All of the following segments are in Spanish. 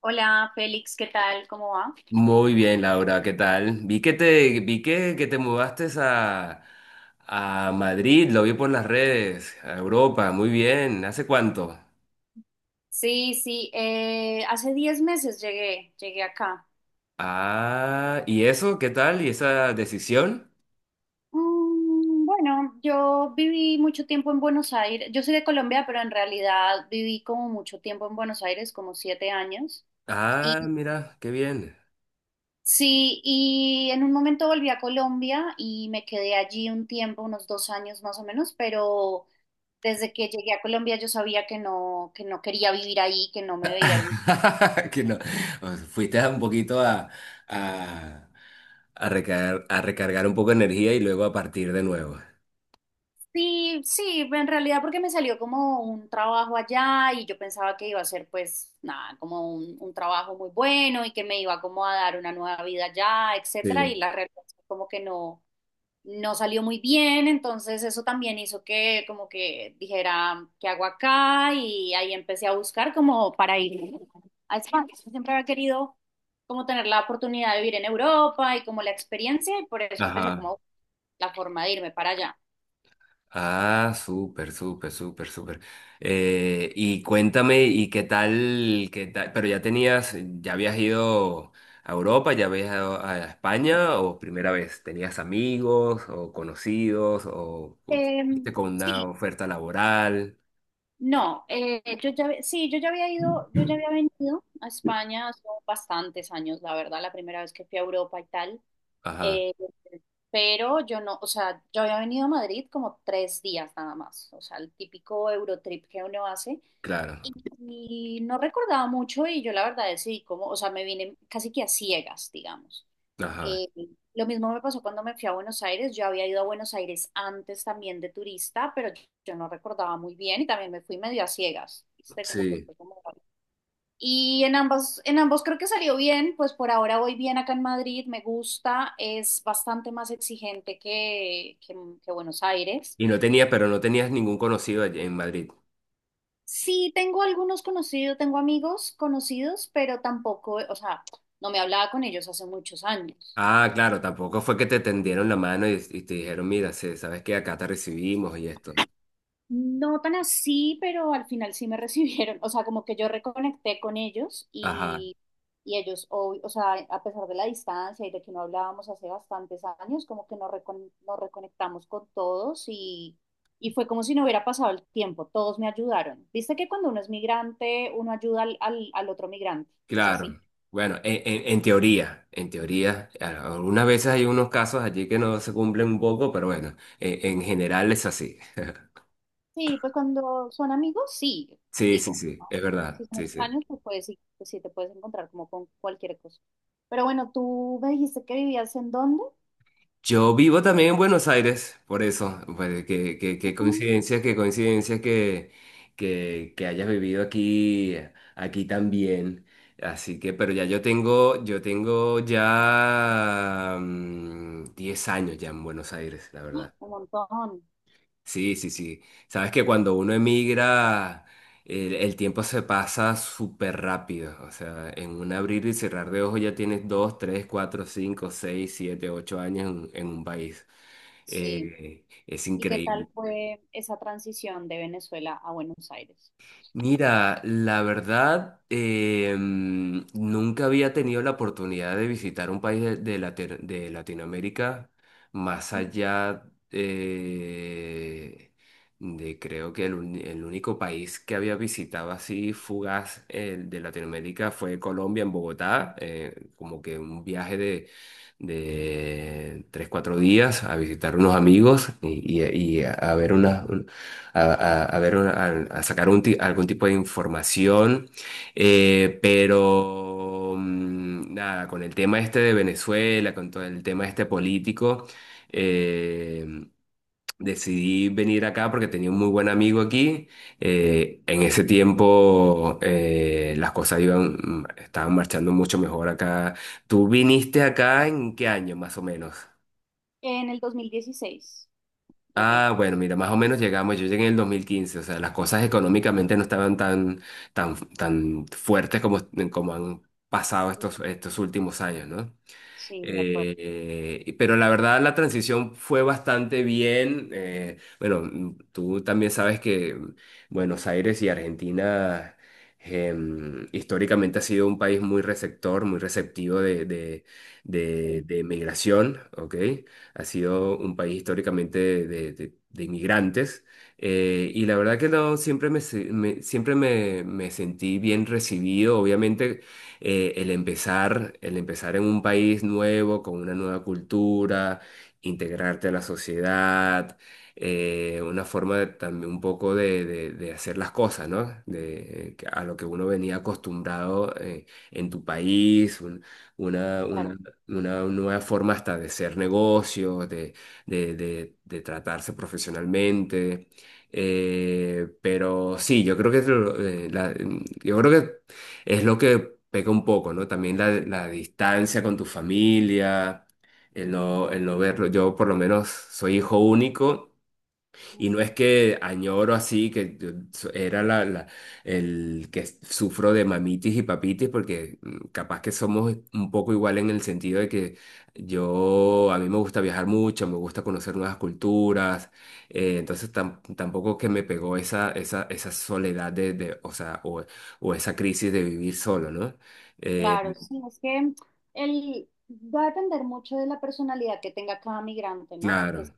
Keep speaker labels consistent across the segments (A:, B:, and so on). A: Hola, Félix, ¿qué tal? ¿Cómo va?
B: Muy bien, Laura, ¿qué tal? Vi que te mudaste a Madrid, lo vi por las redes, a Europa, muy bien, ¿hace cuánto?
A: Sí, sí, hace 10 meses llegué, acá.
B: Ah, ¿y eso? ¿Qué tal? ¿Y esa decisión?
A: Bueno, yo viví mucho tiempo en Buenos Aires. Yo soy de Colombia, pero en realidad viví como mucho tiempo en Buenos Aires, como 7 años. Y
B: Ah, mira, qué bien.
A: sí, y en un momento volví a Colombia y me quedé allí un tiempo, unos 2 años más o menos, pero desde que llegué a Colombia yo sabía que no quería vivir ahí, que no me veía.
B: Que no, o sea, fuiste a un poquito a, a recargar un poco de energía y luego a partir de nuevo.
A: Sí, sí, en realidad porque me salió como un trabajo allá y yo pensaba que iba a ser pues nada, como un trabajo muy bueno y que me iba como a dar una nueva vida allá, etcétera, y
B: Sí.
A: la realidad es que como que no, no salió muy bien, entonces eso también hizo que como que dijera, ¿qué hago acá? Y ahí empecé a buscar como para ir a España. Siempre había querido como tener la oportunidad de vivir en Europa y como la experiencia y por eso empecé
B: Ajá.
A: como la forma de irme para allá.
B: Ah, súper, súper, súper, súper. Y cuéntame, ¿y qué tal, qué tal? Pero ya tenías, ya habías ido a Europa, ya habías ido a España, o primera vez, ¿tenías amigos o conocidos o
A: Em,
B: fuiste con una
A: Sí,
B: oferta laboral?
A: no, sí, yo ya había ido, yo ya había venido a España hace bastantes años, la verdad, la primera vez que fui a Europa y tal,
B: Ajá,
A: eh, pero yo no, o sea, yo había venido a Madrid como 3 días nada más, o sea, el típico Eurotrip que uno hace,
B: claro,
A: y, no recordaba mucho y yo la verdad decidí como, o sea, me vine casi que a ciegas, digamos.
B: ajá,
A: Eh, lo mismo me pasó cuando me fui a Buenos Aires. Yo había ido a Buenos Aires antes también de turista, pero yo no recordaba muy bien y también me fui medio a ciegas, ¿viste? Como que
B: sí.
A: fue como... Y en ambas, en ambos creo que salió bien, pues por ahora voy bien acá en Madrid, me gusta, es bastante más exigente que, que Buenos Aires.
B: Y no tenías, pero no tenías ningún conocido allí en Madrid.
A: Sí, tengo algunos conocidos, tengo amigos conocidos, pero tampoco, o sea, no me hablaba con ellos hace muchos años.
B: Ah, claro, tampoco fue que te tendieron la mano y te dijeron, mira, sí, sabes que acá te recibimos y esto.
A: No tan así, pero al final sí me recibieron, o sea, como que yo reconecté con ellos
B: Ajá.
A: y ellos, o sea, a pesar de la distancia y de que no hablábamos hace bastantes años, como que nos, nos reconectamos con todos y fue como si no hubiera pasado el tiempo, todos me ayudaron. Viste que cuando uno es migrante, uno ayuda al, al otro migrante, es así.
B: Claro. Bueno, en teoría, en teoría, algunas veces hay unos casos allí que no se cumplen un poco, pero bueno, en general es así.
A: Sí, pues cuando son amigos, sí,
B: Sí, sí,
A: digo,
B: sí,
A: ¿no?
B: es
A: Si
B: verdad,
A: son
B: sí, sí.
A: extraños, pues, pues sí te puedes encontrar como con cualquier cosa. Pero bueno, ¿tú me dijiste que vivías en dónde?
B: Yo vivo también en Buenos Aires, por eso, pues, qué
A: Ujú.
B: coincidencia, qué coincidencia que, que hayas vivido aquí, aquí también. Así que, pero ya yo tengo ya 10 años ya en Buenos Aires, la
A: ¡Ah!
B: verdad.
A: Un montón,
B: Sí, sí, sí. Sabes que cuando uno emigra, el tiempo se pasa súper rápido. O sea, en un abrir y cerrar de ojos ya tienes dos, tres, cuatro, cinco, seis, siete, ocho años en un país.
A: sí.
B: Es
A: ¿Y qué tal
B: increíble.
A: fue esa transición de Venezuela a Buenos Aires?
B: Mira, la verdad, nunca había tenido la oportunidad de visitar un país de, de Latinoamérica más
A: Ujú.
B: allá eh, de creo que el, el único país que había visitado así fugaz de Latinoamérica fue Colombia en Bogotá, como que un viaje de tres, cuatro días a visitar unos amigos y, y a ver unas a, a ver, a sacar un algún tipo de información, pero nada, con el tema este de Venezuela, con todo el tema este político, eh, decidí venir acá porque tenía un muy buen amigo aquí. En ese tiempo las cosas iban, estaban marchando mucho mejor acá. ¿Tú viniste acá en qué año más o menos?
A: En el 2016 llegué.
B: Ah, bueno, mira, más o menos llegamos, yo llegué en el 2015, o sea, las cosas económicamente no estaban tan, tan fuertes como, como han pasado estos,
A: Ujú.
B: estos últimos años, ¿no?
A: Sí, de acuerdo,
B: Pero la verdad la transición fue bastante bien. Bueno, tú también sabes que Buenos Aires y Argentina históricamente ha sido un país muy receptor, muy receptivo de,
A: sí.
B: de migración, ¿ok? Ha sido un país históricamente de, de inmigrantes.
A: Ujú.
B: Y la verdad que no, siempre me, siempre me, me sentí bien recibido. Obviamente el empezar en un país nuevo, con una nueva cultura, integrarte a la sociedad, una forma también un poco de, de hacer las cosas, ¿no? De, a lo que uno venía acostumbrado en tu país, una,
A: Claro,
B: una nueva forma hasta de hacer negocios, de, de tratarse profesionalmente. Pero sí, yo creo que es lo- la- yo creo que es lo que peca un poco, ¿no? También la distancia con tu familia, el no verlo. Yo por lo menos soy hijo único y
A: ujú.
B: no es que añoro así, que yo so- era la, la- el que sufro de mamitis y papitis, porque capaz que somos un poco igual en el sentido de que yo, a mí me gusta viajar mucho, me gusta conocer nuevas culturas, entonces tampoco que me pegó esa, esa soledad de, o sea, o esa crisis de vivir solo, ¿no? Eh,
A: Claro, sí, es que el, va a depender mucho de la personalidad que tenga cada migrante, ¿no? Porque
B: claro.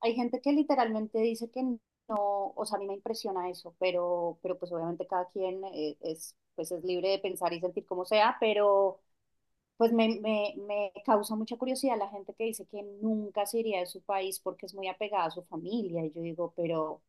A: hay gente que literalmente dice que no, o sea, a mí me impresiona eso, pero, pues obviamente cada quien es, pues es libre de pensar y sentir como sea, pero pues me causa mucha curiosidad la gente que dice que nunca se iría de su país porque es muy apegada a su familia. Y yo digo, pero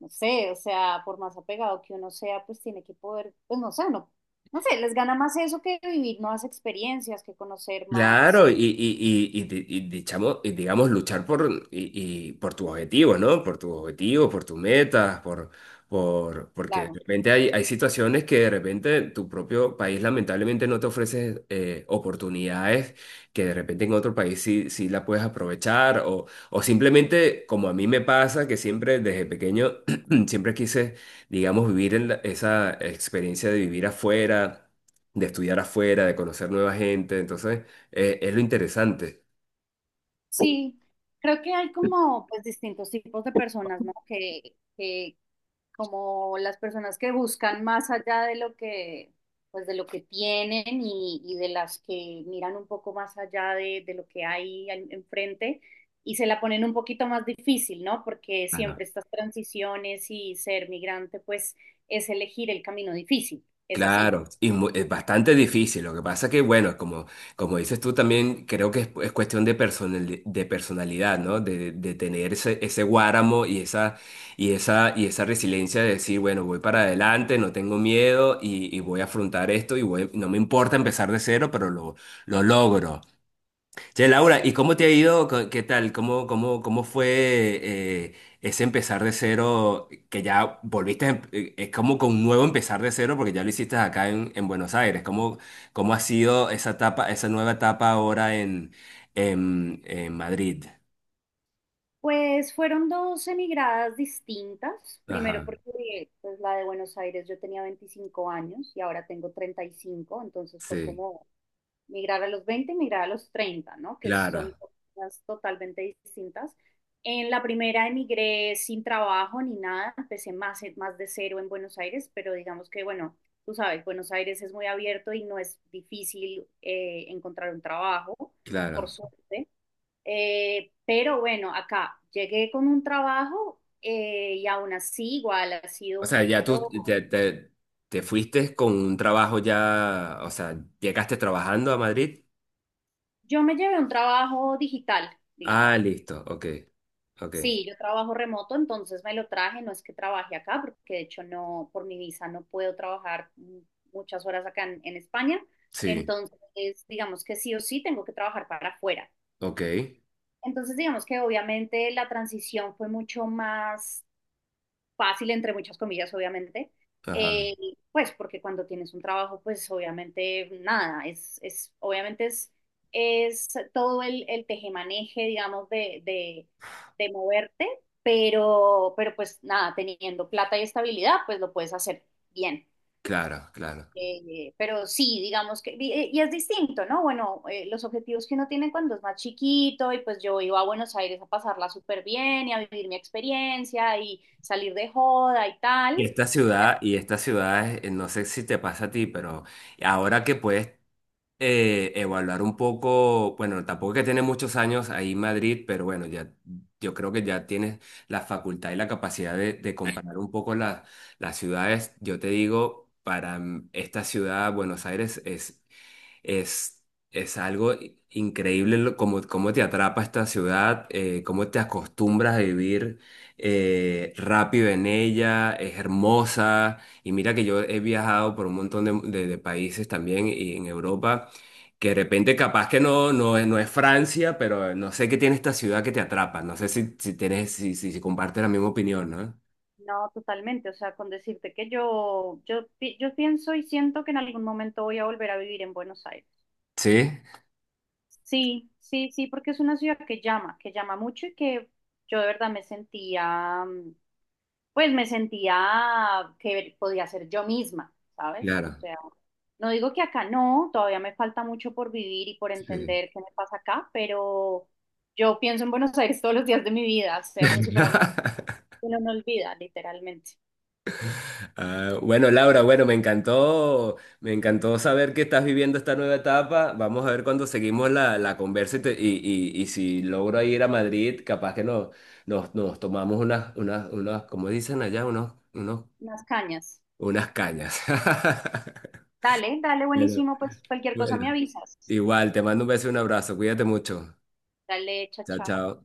A: no sé, o sea, por más apegado que uno sea, pues tiene que poder, pues no sé, no, no sé, les gana más eso que vivir nuevas experiencias, que conocer más,
B: Claro, y, digamos luchar por, y por tus objetivos, ¿no? Por tus objetivos, por tus metas, por, porque de
A: claro.
B: repente hay, hay situaciones que de repente tu propio país lamentablemente no te ofrece oportunidades que de repente en otro país sí, sí la puedes aprovechar o simplemente como a mí me pasa que siempre desde pequeño siempre quise, digamos, vivir en esa experiencia de vivir afuera, de estudiar afuera, de conocer nueva gente, entonces... es lo interesante.
A: Sí, creo que hay como pues distintos tipos de personas, ¿no? Que como las personas que buscan más allá de lo que pues de lo que tienen y de las que miran un poco más allá de lo que hay enfrente y se la ponen un poquito más difícil, ¿no? Porque
B: Claro.
A: siempre estas transiciones y ser migrante pues es elegir el camino difícil, es así.
B: Claro, y es bastante difícil. Lo que pasa que, bueno, como, como dices tú también, creo que es cuestión de, de personalidad, ¿no? De tener ese, ese guáramo y esa, y esa, y esa resiliencia de decir, bueno, voy para adelante, no tengo miedo y voy a afrontar esto y no me importa empezar de cero, pero lo logro. Che, Laura, ¿y
A: Sí.
B: cómo te ha ido? ¿Qué tal? ¿Cómo, cómo, cómo fue ese empezar de cero? Que ya volviste, es como con un nuevo empezar de cero porque ya lo hiciste acá en Buenos Aires. ¿Cómo, cómo ha sido esa etapa, esa nueva etapa ahora en Madrid?
A: Pues fueron dos emigradas distintas. Primero
B: Ajá,
A: porque pues, la de Buenos Aires yo tenía 25 años y ahora tengo 35, entonces fue
B: sí,
A: como migrar a los 20, y migrar a los 30, ¿no? Que
B: claro,
A: son cosas totalmente distintas. En la primera emigré sin trabajo ni nada, empecé más, más de cero en Buenos Aires, pero digamos que, bueno, tú sabes, Buenos Aires es muy abierto y no es difícil encontrar un trabajo, por
B: claro.
A: suerte. Pero bueno, acá llegué con un trabajo y aún así igual ha
B: O
A: sido un
B: sea, ya tú
A: poquito...
B: te, te, te fuiste con un trabajo ya, o sea, llegaste trabajando a Madrid.
A: Yo me llevé un trabajo digital,
B: Ah,
A: digamos.
B: listo, ok, ok,
A: Sí, yo trabajo remoto, entonces me lo traje, no es que trabaje acá, porque de hecho no, por mi visa no puedo trabajar muchas horas acá en España,
B: sí.
A: entonces digamos que sí o sí tengo que trabajar para afuera.
B: Ok,
A: Entonces digamos que obviamente la transición fue mucho más fácil, entre muchas comillas, obviamente,
B: ajá,
A: eh, pues porque cuando tienes un trabajo, pues obviamente nada, es obviamente es todo el tejemaneje, digamos, de, de moverte, pero pues nada, teniendo plata y estabilidad, pues lo puedes hacer bien.
B: claro, claro.
A: Pero sí, digamos que, y es distinto, ¿no? Bueno, los objetivos que uno tiene cuando es más chiquito, y pues yo iba a Buenos Aires a pasarla súper bien y a vivir mi experiencia y salir de joda y tal. eh,
B: Y esta ciudad, no sé si te pasa a ti, pero ahora que puedes evaluar un poco, bueno, tampoco es que tiene muchos años ahí en Madrid, pero bueno, ya yo creo que ya tienes la facultad y la capacidad de comparar un poco las ciudades. Yo te digo, para esta ciudad, Buenos Aires Es, es algo increíble cómo, cómo te atrapa esta ciudad, cómo te acostumbras a vivir rápido en ella, es hermosa. Y mira que yo he viajado por un montón de, de países también y en Europa, que de repente capaz que no, no, no es Francia, pero no sé qué tiene esta ciudad que te atrapa. No sé si, si tienes, si, si, si compartes la misma opinión, ¿no?
A: No, totalmente, o sea, con decirte que yo, yo pienso y siento que en algún momento voy a volver a vivir en Buenos Aires.
B: Sí,
A: Sí, sí, sí, porque es una ciudad que llama mucho y que yo de verdad me sentía, pues me sentía que podía ser yo misma, ¿sabes? O
B: claro.
A: sea, no digo que acá no, todavía me falta mucho por vivir y por
B: Sí.
A: entender qué me pasa acá, pero yo pienso en Buenos Aires todos los días de mi vida, o sea, como si fuera una- uno no olvida, literalmente.
B: Ah, bueno, Laura, bueno, me encantó saber que estás viviendo esta nueva etapa. Vamos a ver cuando seguimos la, la conversa y, y si logro ir a Madrid, capaz que nos, nos, nos tomamos unas, unas, unas, como dicen allá, unos, unos,
A: Unas cañas.
B: unas cañas.
A: Dale, dale,
B: Pero
A: buenísimo, pues cualquier cosa me
B: bueno,
A: avisas.
B: igual, te mando un beso y un abrazo. Cuídate mucho.
A: Dale,
B: Chao,
A: chacha.
B: chao.